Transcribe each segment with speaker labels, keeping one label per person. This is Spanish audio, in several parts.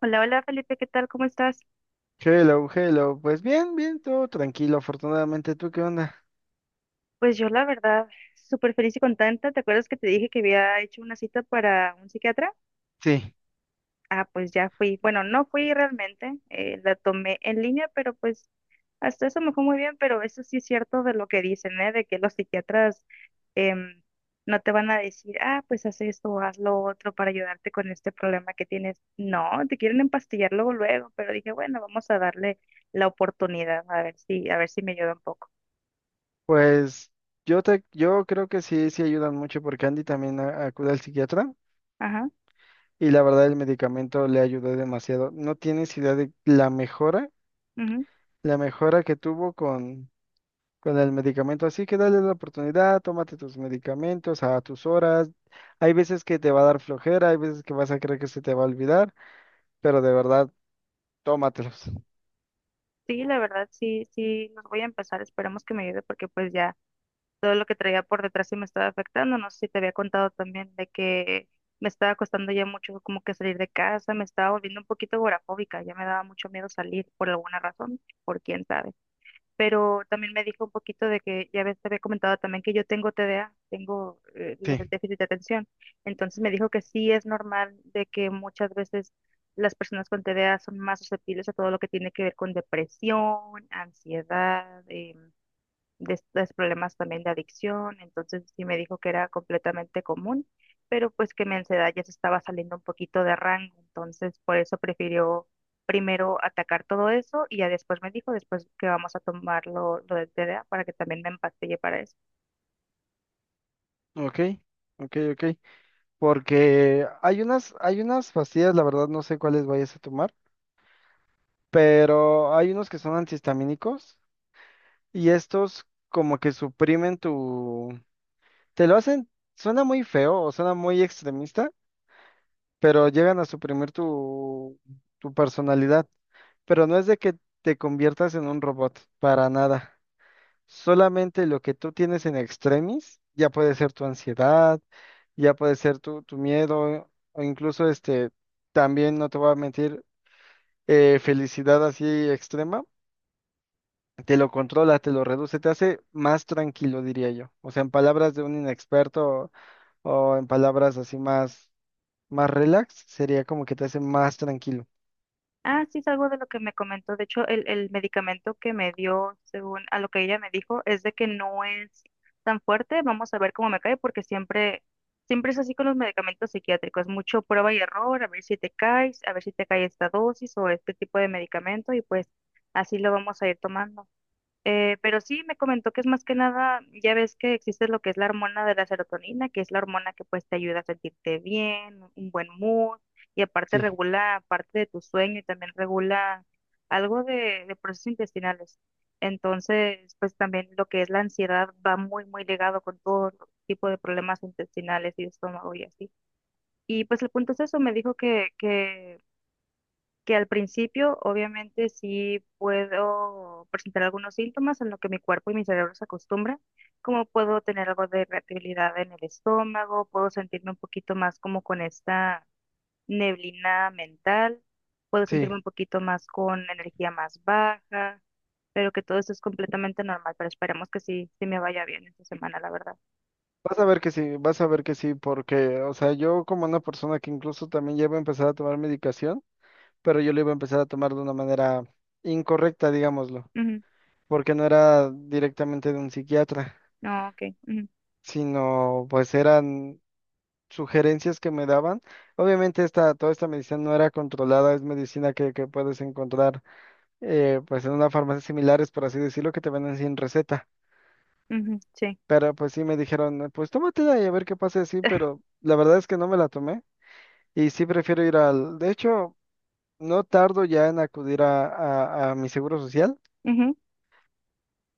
Speaker 1: Hola, hola Felipe, ¿qué tal? ¿Cómo estás?
Speaker 2: Hello, hello. Pues bien, todo tranquilo, afortunadamente. ¿Tú qué onda?
Speaker 1: Pues yo la verdad, súper feliz y contenta. ¿Te acuerdas que te dije que había hecho una cita para un psiquiatra?
Speaker 2: Sí,
Speaker 1: Ah, pues ya fui. Bueno, no fui realmente, la tomé en línea, pero pues hasta eso me fue muy bien, pero eso sí es cierto de lo que dicen, ¿eh? De que los psiquiatras em, no te van a decir, ah, pues haz esto, o haz lo otro para ayudarte con este problema que tienes. No, te quieren empastillar luego, luego, pero dije, bueno, vamos a darle la oportunidad, a ver si me ayuda un poco.
Speaker 2: pues yo creo que sí, sí ayudan mucho porque Andy también acude al psiquiatra
Speaker 1: Ajá.
Speaker 2: y la verdad el medicamento le ayudó demasiado. No tienes idea de la mejora que tuvo con el medicamento. Así que dale la oportunidad, tómate tus medicamentos a tus horas. Hay veces que te va a dar flojera, hay veces que vas a creer que se te va a olvidar, pero de verdad, tómatelos.
Speaker 1: Sí, la verdad, sí, sí, los voy a empezar. Esperemos que me ayude porque pues ya todo lo que traía por detrás sí me estaba afectando. No sé si te había contado también de que me estaba costando ya mucho como que salir de casa, me estaba volviendo un poquito agorafóbica, ya me daba mucho miedo salir por alguna razón, por quién sabe, pero también me dijo un poquito de que ya ves, te había comentado también que yo tengo TDA, tengo lo del
Speaker 2: Sí,
Speaker 1: déficit de atención. Entonces me dijo que sí es normal de que muchas veces las personas con TDA son más susceptibles a todo lo que tiene que ver con depresión, ansiedad, de estos problemas también de adicción, entonces sí me dijo que era completamente común, pero pues que mi ansiedad ya se estaba saliendo un poquito de rango, entonces por eso prefirió primero atacar todo eso y ya después me dijo, después que vamos a tomar lo del TDA para que también me empastille para eso.
Speaker 2: ok, ok, ok. Porque hay unas pastillas, la verdad no sé cuáles vayas a tomar, pero hay unos que son antihistamínicos y estos como que suprimen tu... Te lo hacen, suena muy feo o suena muy extremista, pero llegan a suprimir tu personalidad. Pero no es de que te conviertas en un robot, para nada. Solamente lo que tú tienes en extremis, ya puede ser tu ansiedad, ya puede ser tu miedo, o incluso este, también no te voy a mentir, felicidad así extrema, te lo controla, te lo reduce, te hace más tranquilo, diría yo. O sea, en palabras de un inexperto o en palabras así más relax, sería como que te hace más tranquilo.
Speaker 1: Ah, sí, es algo de lo que me comentó. De hecho, el medicamento que me dio, según a lo que ella me dijo, es de que no es tan fuerte. Vamos a ver cómo me cae, porque siempre es así con los medicamentos psiquiátricos. Mucho prueba y error, a ver si te caes, a ver si te cae esta dosis o este tipo de medicamento, y pues así lo vamos a ir tomando. Pero sí me comentó que es más que nada, ya ves que existe lo que es la hormona de la serotonina, que es la hormona que pues te ayuda a sentirte bien, un buen mood, y aparte
Speaker 2: Sí,
Speaker 1: regula parte de tu sueño y también regula algo de procesos intestinales. Entonces, pues también lo que es la ansiedad va muy ligado con todo tipo de problemas intestinales y de estómago y así. Y pues el punto es eso, me dijo que que al principio obviamente sí puedo presentar algunos síntomas en lo que mi cuerpo y mi cerebro se acostumbran, como puedo tener algo de irritabilidad en el estómago, puedo sentirme un poquito más como con esta neblina mental, puedo
Speaker 2: sí.
Speaker 1: sentirme un poquito más con energía más baja, pero que todo esto es completamente normal, pero esperemos que sí, sí me vaya bien esta semana, la verdad.
Speaker 2: Vas a ver que sí, vas a ver que sí, porque, o sea, yo como una persona que incluso también llevo a empezar a tomar medicación, pero yo lo iba a empezar a tomar de una manera incorrecta, digámoslo,
Speaker 1: Ujú.
Speaker 2: porque no era directamente de un psiquiatra,
Speaker 1: No, ok, ujú,
Speaker 2: sino pues eran sugerencias que me daban. Obviamente toda esta medicina no era controlada, es medicina que puedes encontrar pues en una farmacia similares, por así decirlo, que te venden sin receta.
Speaker 1: ujú, sí.
Speaker 2: Pero pues sí me dijeron, pues tómatela y a ver qué pasa así, pero la verdad es que no me la tomé y sí prefiero ir al... De hecho, no tardo ya en acudir a mi seguro social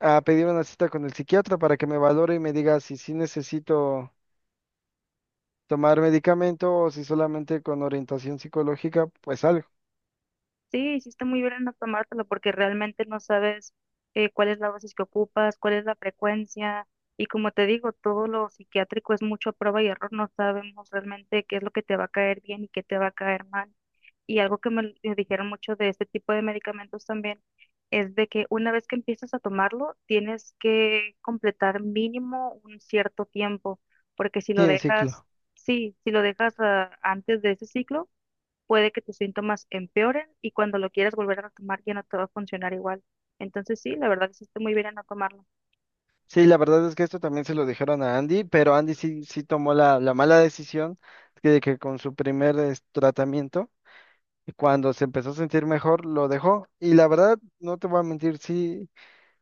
Speaker 2: a pedir una cita con el psiquiatra para que me valore y me diga si sí necesito tomar medicamento o si solamente con orientación psicológica, pues algo.
Speaker 1: Sí, hiciste muy bien en no tomártelo porque realmente no sabes cuál es la dosis que ocupas, cuál es la frecuencia. Y como te digo, todo lo psiquiátrico es mucho prueba y error. No sabemos realmente qué es lo que te va a caer bien y qué te va a caer mal. Y algo que me dijeron mucho de este tipo de medicamentos también es de que una vez que empiezas a tomarlo, tienes que completar mínimo un cierto tiempo, porque si lo
Speaker 2: Sí, un
Speaker 1: dejas,
Speaker 2: ciclo.
Speaker 1: sí, si lo dejas antes de ese ciclo, puede que tus síntomas empeoren y cuando lo quieras volver a tomar ya no te va a funcionar igual. Entonces sí, la verdad hiciste muy bien en no tomarlo.
Speaker 2: Sí, la verdad es que esto también se lo dijeron a Andy, pero Andy sí, sí tomó la mala decisión de que con su primer tratamiento, cuando se empezó a sentir mejor, lo dejó. Y la verdad, no te voy a mentir, sí,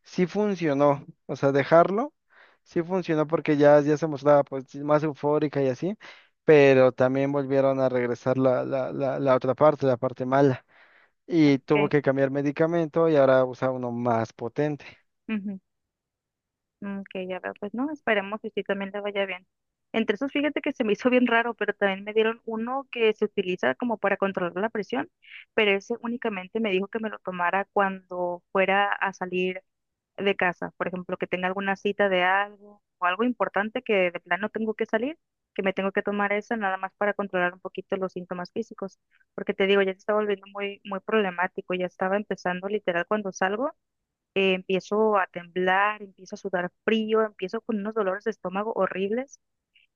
Speaker 2: sí funcionó, o sea, dejarlo, sí funcionó porque ya se mostraba pues sí, más eufórica y así, pero también volvieron a regresar la otra parte, la parte mala, y tuvo
Speaker 1: Ok,
Speaker 2: que cambiar medicamento y ahora usa uno más potente.
Speaker 1: ujú, mm, ok, ya veo. Pues no, esperemos que sí también le vaya bien. Entre esos, fíjate que se me hizo bien raro, pero también me dieron uno que se utiliza como para controlar la presión, pero ese únicamente me dijo que me lo tomara cuando fuera a salir de casa, por ejemplo, que tenga alguna cita de algo o algo importante que de plano tengo que salir, que me tengo que tomar eso nada más para controlar un poquito los síntomas físicos, porque te digo, ya se está volviendo muy problemático, ya estaba empezando literal cuando salgo, empiezo a temblar, empiezo a sudar frío, empiezo con unos dolores de estómago horribles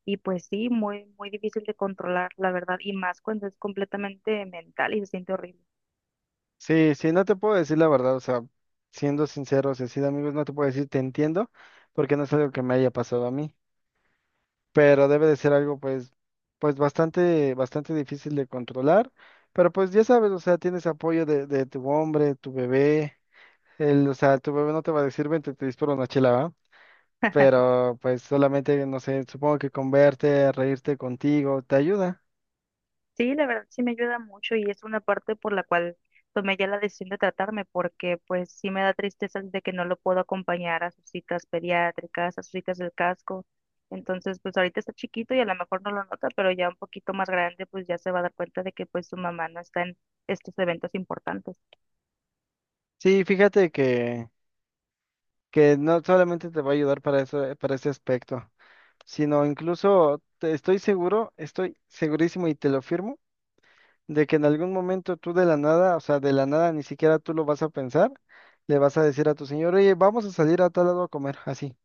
Speaker 1: y pues sí, muy difícil de controlar, la verdad, y más cuando es completamente mental y se siente horrible.
Speaker 2: Sí, sí, no te puedo decir la verdad, o sea, siendo sincero, y así de amigos, no te puedo decir te entiendo, porque no es algo que me haya pasado a mí. Pero debe de ser algo pues, pues bastante, bastante difícil de controlar, pero pues ya sabes, o sea, tienes apoyo de tu hombre, tu bebé, él, o sea, tu bebé no te va a decir, vente, te disparo una chela, ¿va? Pero pues solamente, no sé, supongo que con verte, reírte contigo, te ayuda.
Speaker 1: Sí, la verdad sí me ayuda mucho y es una parte por la cual tomé ya la decisión de tratarme, porque pues sí me da tristeza de que no lo puedo acompañar a sus citas pediátricas, a sus citas del casco. Entonces, pues ahorita está chiquito y a lo mejor no lo nota, pero ya un poquito más grande, pues ya se va a dar cuenta de que pues su mamá no está en estos eventos importantes.
Speaker 2: Sí, fíjate que no solamente te va a ayudar para eso, para ese aspecto, sino incluso, estoy seguro, estoy segurísimo y te lo firmo de que en algún momento tú de la nada, o sea, de la nada ni siquiera tú lo vas a pensar, le vas a decir a tu señor, oye, vamos a salir a tal lado a comer, así,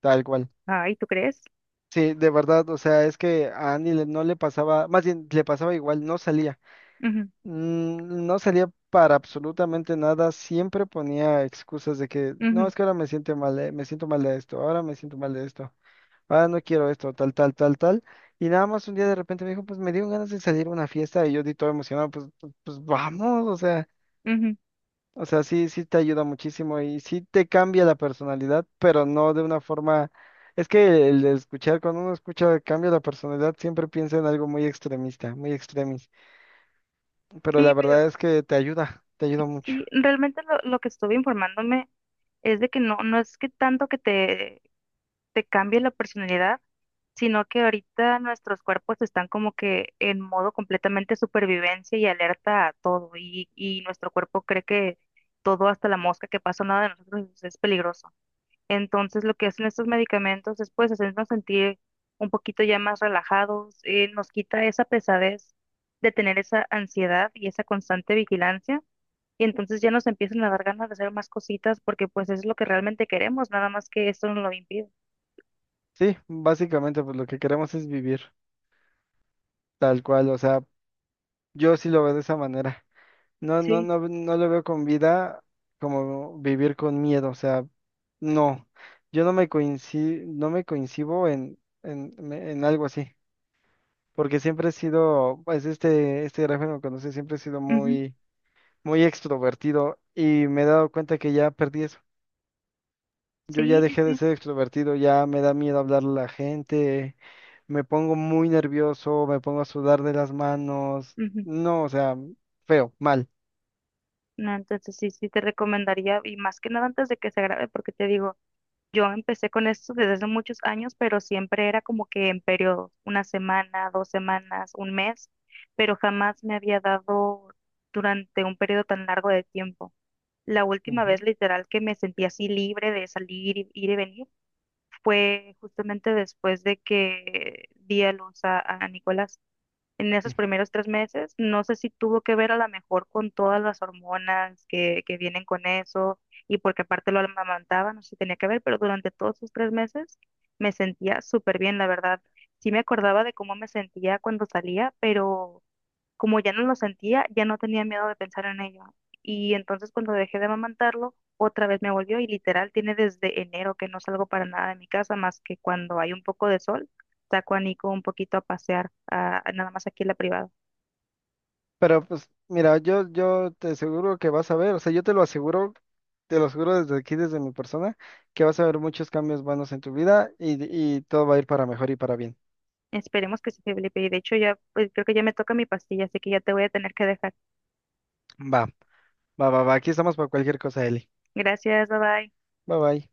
Speaker 2: tal cual.
Speaker 1: Ay, ¿tú crees?
Speaker 2: Sí, de verdad, o sea, es que a Andy no le pasaba, más bien le pasaba igual, no salía.
Speaker 1: Ujú,
Speaker 2: Mm, no salía para absolutamente nada, siempre ponía excusas de que, no,
Speaker 1: ujú,
Speaker 2: es que ahora me siento mal de esto, ahora me siento mal de esto, ahora no quiero esto, tal, tal, tal, tal. Y nada más un día de repente me dijo, pues me dieron ganas de salir a una fiesta y yo di todo emocionado, pues, vamos, o sea.
Speaker 1: ujú.
Speaker 2: O sea, sí, sí te ayuda muchísimo y sí te cambia la personalidad, pero no de una forma... Es que el de escuchar, cuando uno escucha cambia la personalidad, siempre piensa en algo muy extremista, muy extremis, pero
Speaker 1: Sí,
Speaker 2: la
Speaker 1: pero
Speaker 2: verdad es que te ayuda mucho.
Speaker 1: sí, realmente lo que estuve informándome es de que no, no es que tanto que te cambie la personalidad, sino que ahorita nuestros cuerpos están como que en modo completamente supervivencia y alerta a todo, y nuestro cuerpo cree que todo, hasta la mosca que pasa nada de nosotros, es peligroso. Entonces lo que hacen estos medicamentos es pues hacernos sentir un poquito ya más relajados, nos quita esa pesadez de tener esa ansiedad y esa constante vigilancia. Y entonces ya nos empiezan a dar ganas de hacer más cositas porque pues es lo que realmente queremos, nada más que esto nos lo impide.
Speaker 2: Sí, básicamente pues lo que queremos es vivir tal cual, o sea, yo sí lo veo de esa manera. No, no,
Speaker 1: Sí.
Speaker 2: no, no lo veo con vida como vivir con miedo, o sea, no, yo no me coincido, no me coincido en algo así. Porque siempre he sido, pues este gráfico que conoce, siempre he sido
Speaker 1: Ujú.
Speaker 2: muy, muy extrovertido y me he dado cuenta que ya perdí eso. Yo
Speaker 1: Sí,
Speaker 2: ya
Speaker 1: sí,
Speaker 2: dejé de
Speaker 1: sí.
Speaker 2: ser extrovertido, ya me da miedo hablarle a la gente, me pongo muy nervioso, me pongo a sudar de las manos,
Speaker 1: Ujú.
Speaker 2: no, o sea, feo, mal.
Speaker 1: No, entonces sí, sí te recomendaría, y más que nada antes de que se grabe, porque te digo, yo empecé con esto desde hace muchos años, pero siempre era como que en periodos, una semana, dos semanas, un mes, pero jamás me había dado durante un periodo tan largo de tiempo. La última vez
Speaker 2: Ujú,
Speaker 1: literal que me sentí así libre de salir, ir y venir, fue justamente después de que di a luz a Nicolás, en
Speaker 2: sí.
Speaker 1: esos primeros 3 meses. No sé si tuvo que ver a lo mejor con todas las hormonas que vienen con eso y porque aparte lo amamantaba, no sé si tenía que ver, pero durante todos esos 3 meses me sentía súper bien, la verdad. Sí me acordaba de cómo me sentía cuando salía, pero como ya no lo sentía, ya no tenía miedo de pensar en ello. Y entonces cuando dejé de amamantarlo, otra vez me volvió y literal tiene desde enero que no salgo para nada de mi casa más que cuando hay un poco de sol, saco a Nico un poquito a pasear, a nada más aquí en la privada.
Speaker 2: Pero pues mira, yo te aseguro que vas a ver, o sea, yo te lo aseguro desde aquí, desde mi persona, que vas a ver muchos cambios buenos en tu vida y todo va a ir para mejor y para bien.
Speaker 1: Esperemos que sí, Felipe. Y de hecho ya, pues creo que ya me toca mi pastilla, así que ya te voy a tener que dejar.
Speaker 2: Va. Va, va, va. Aquí estamos para cualquier cosa, Eli.
Speaker 1: Gracias, bye bye.
Speaker 2: Bye, bye.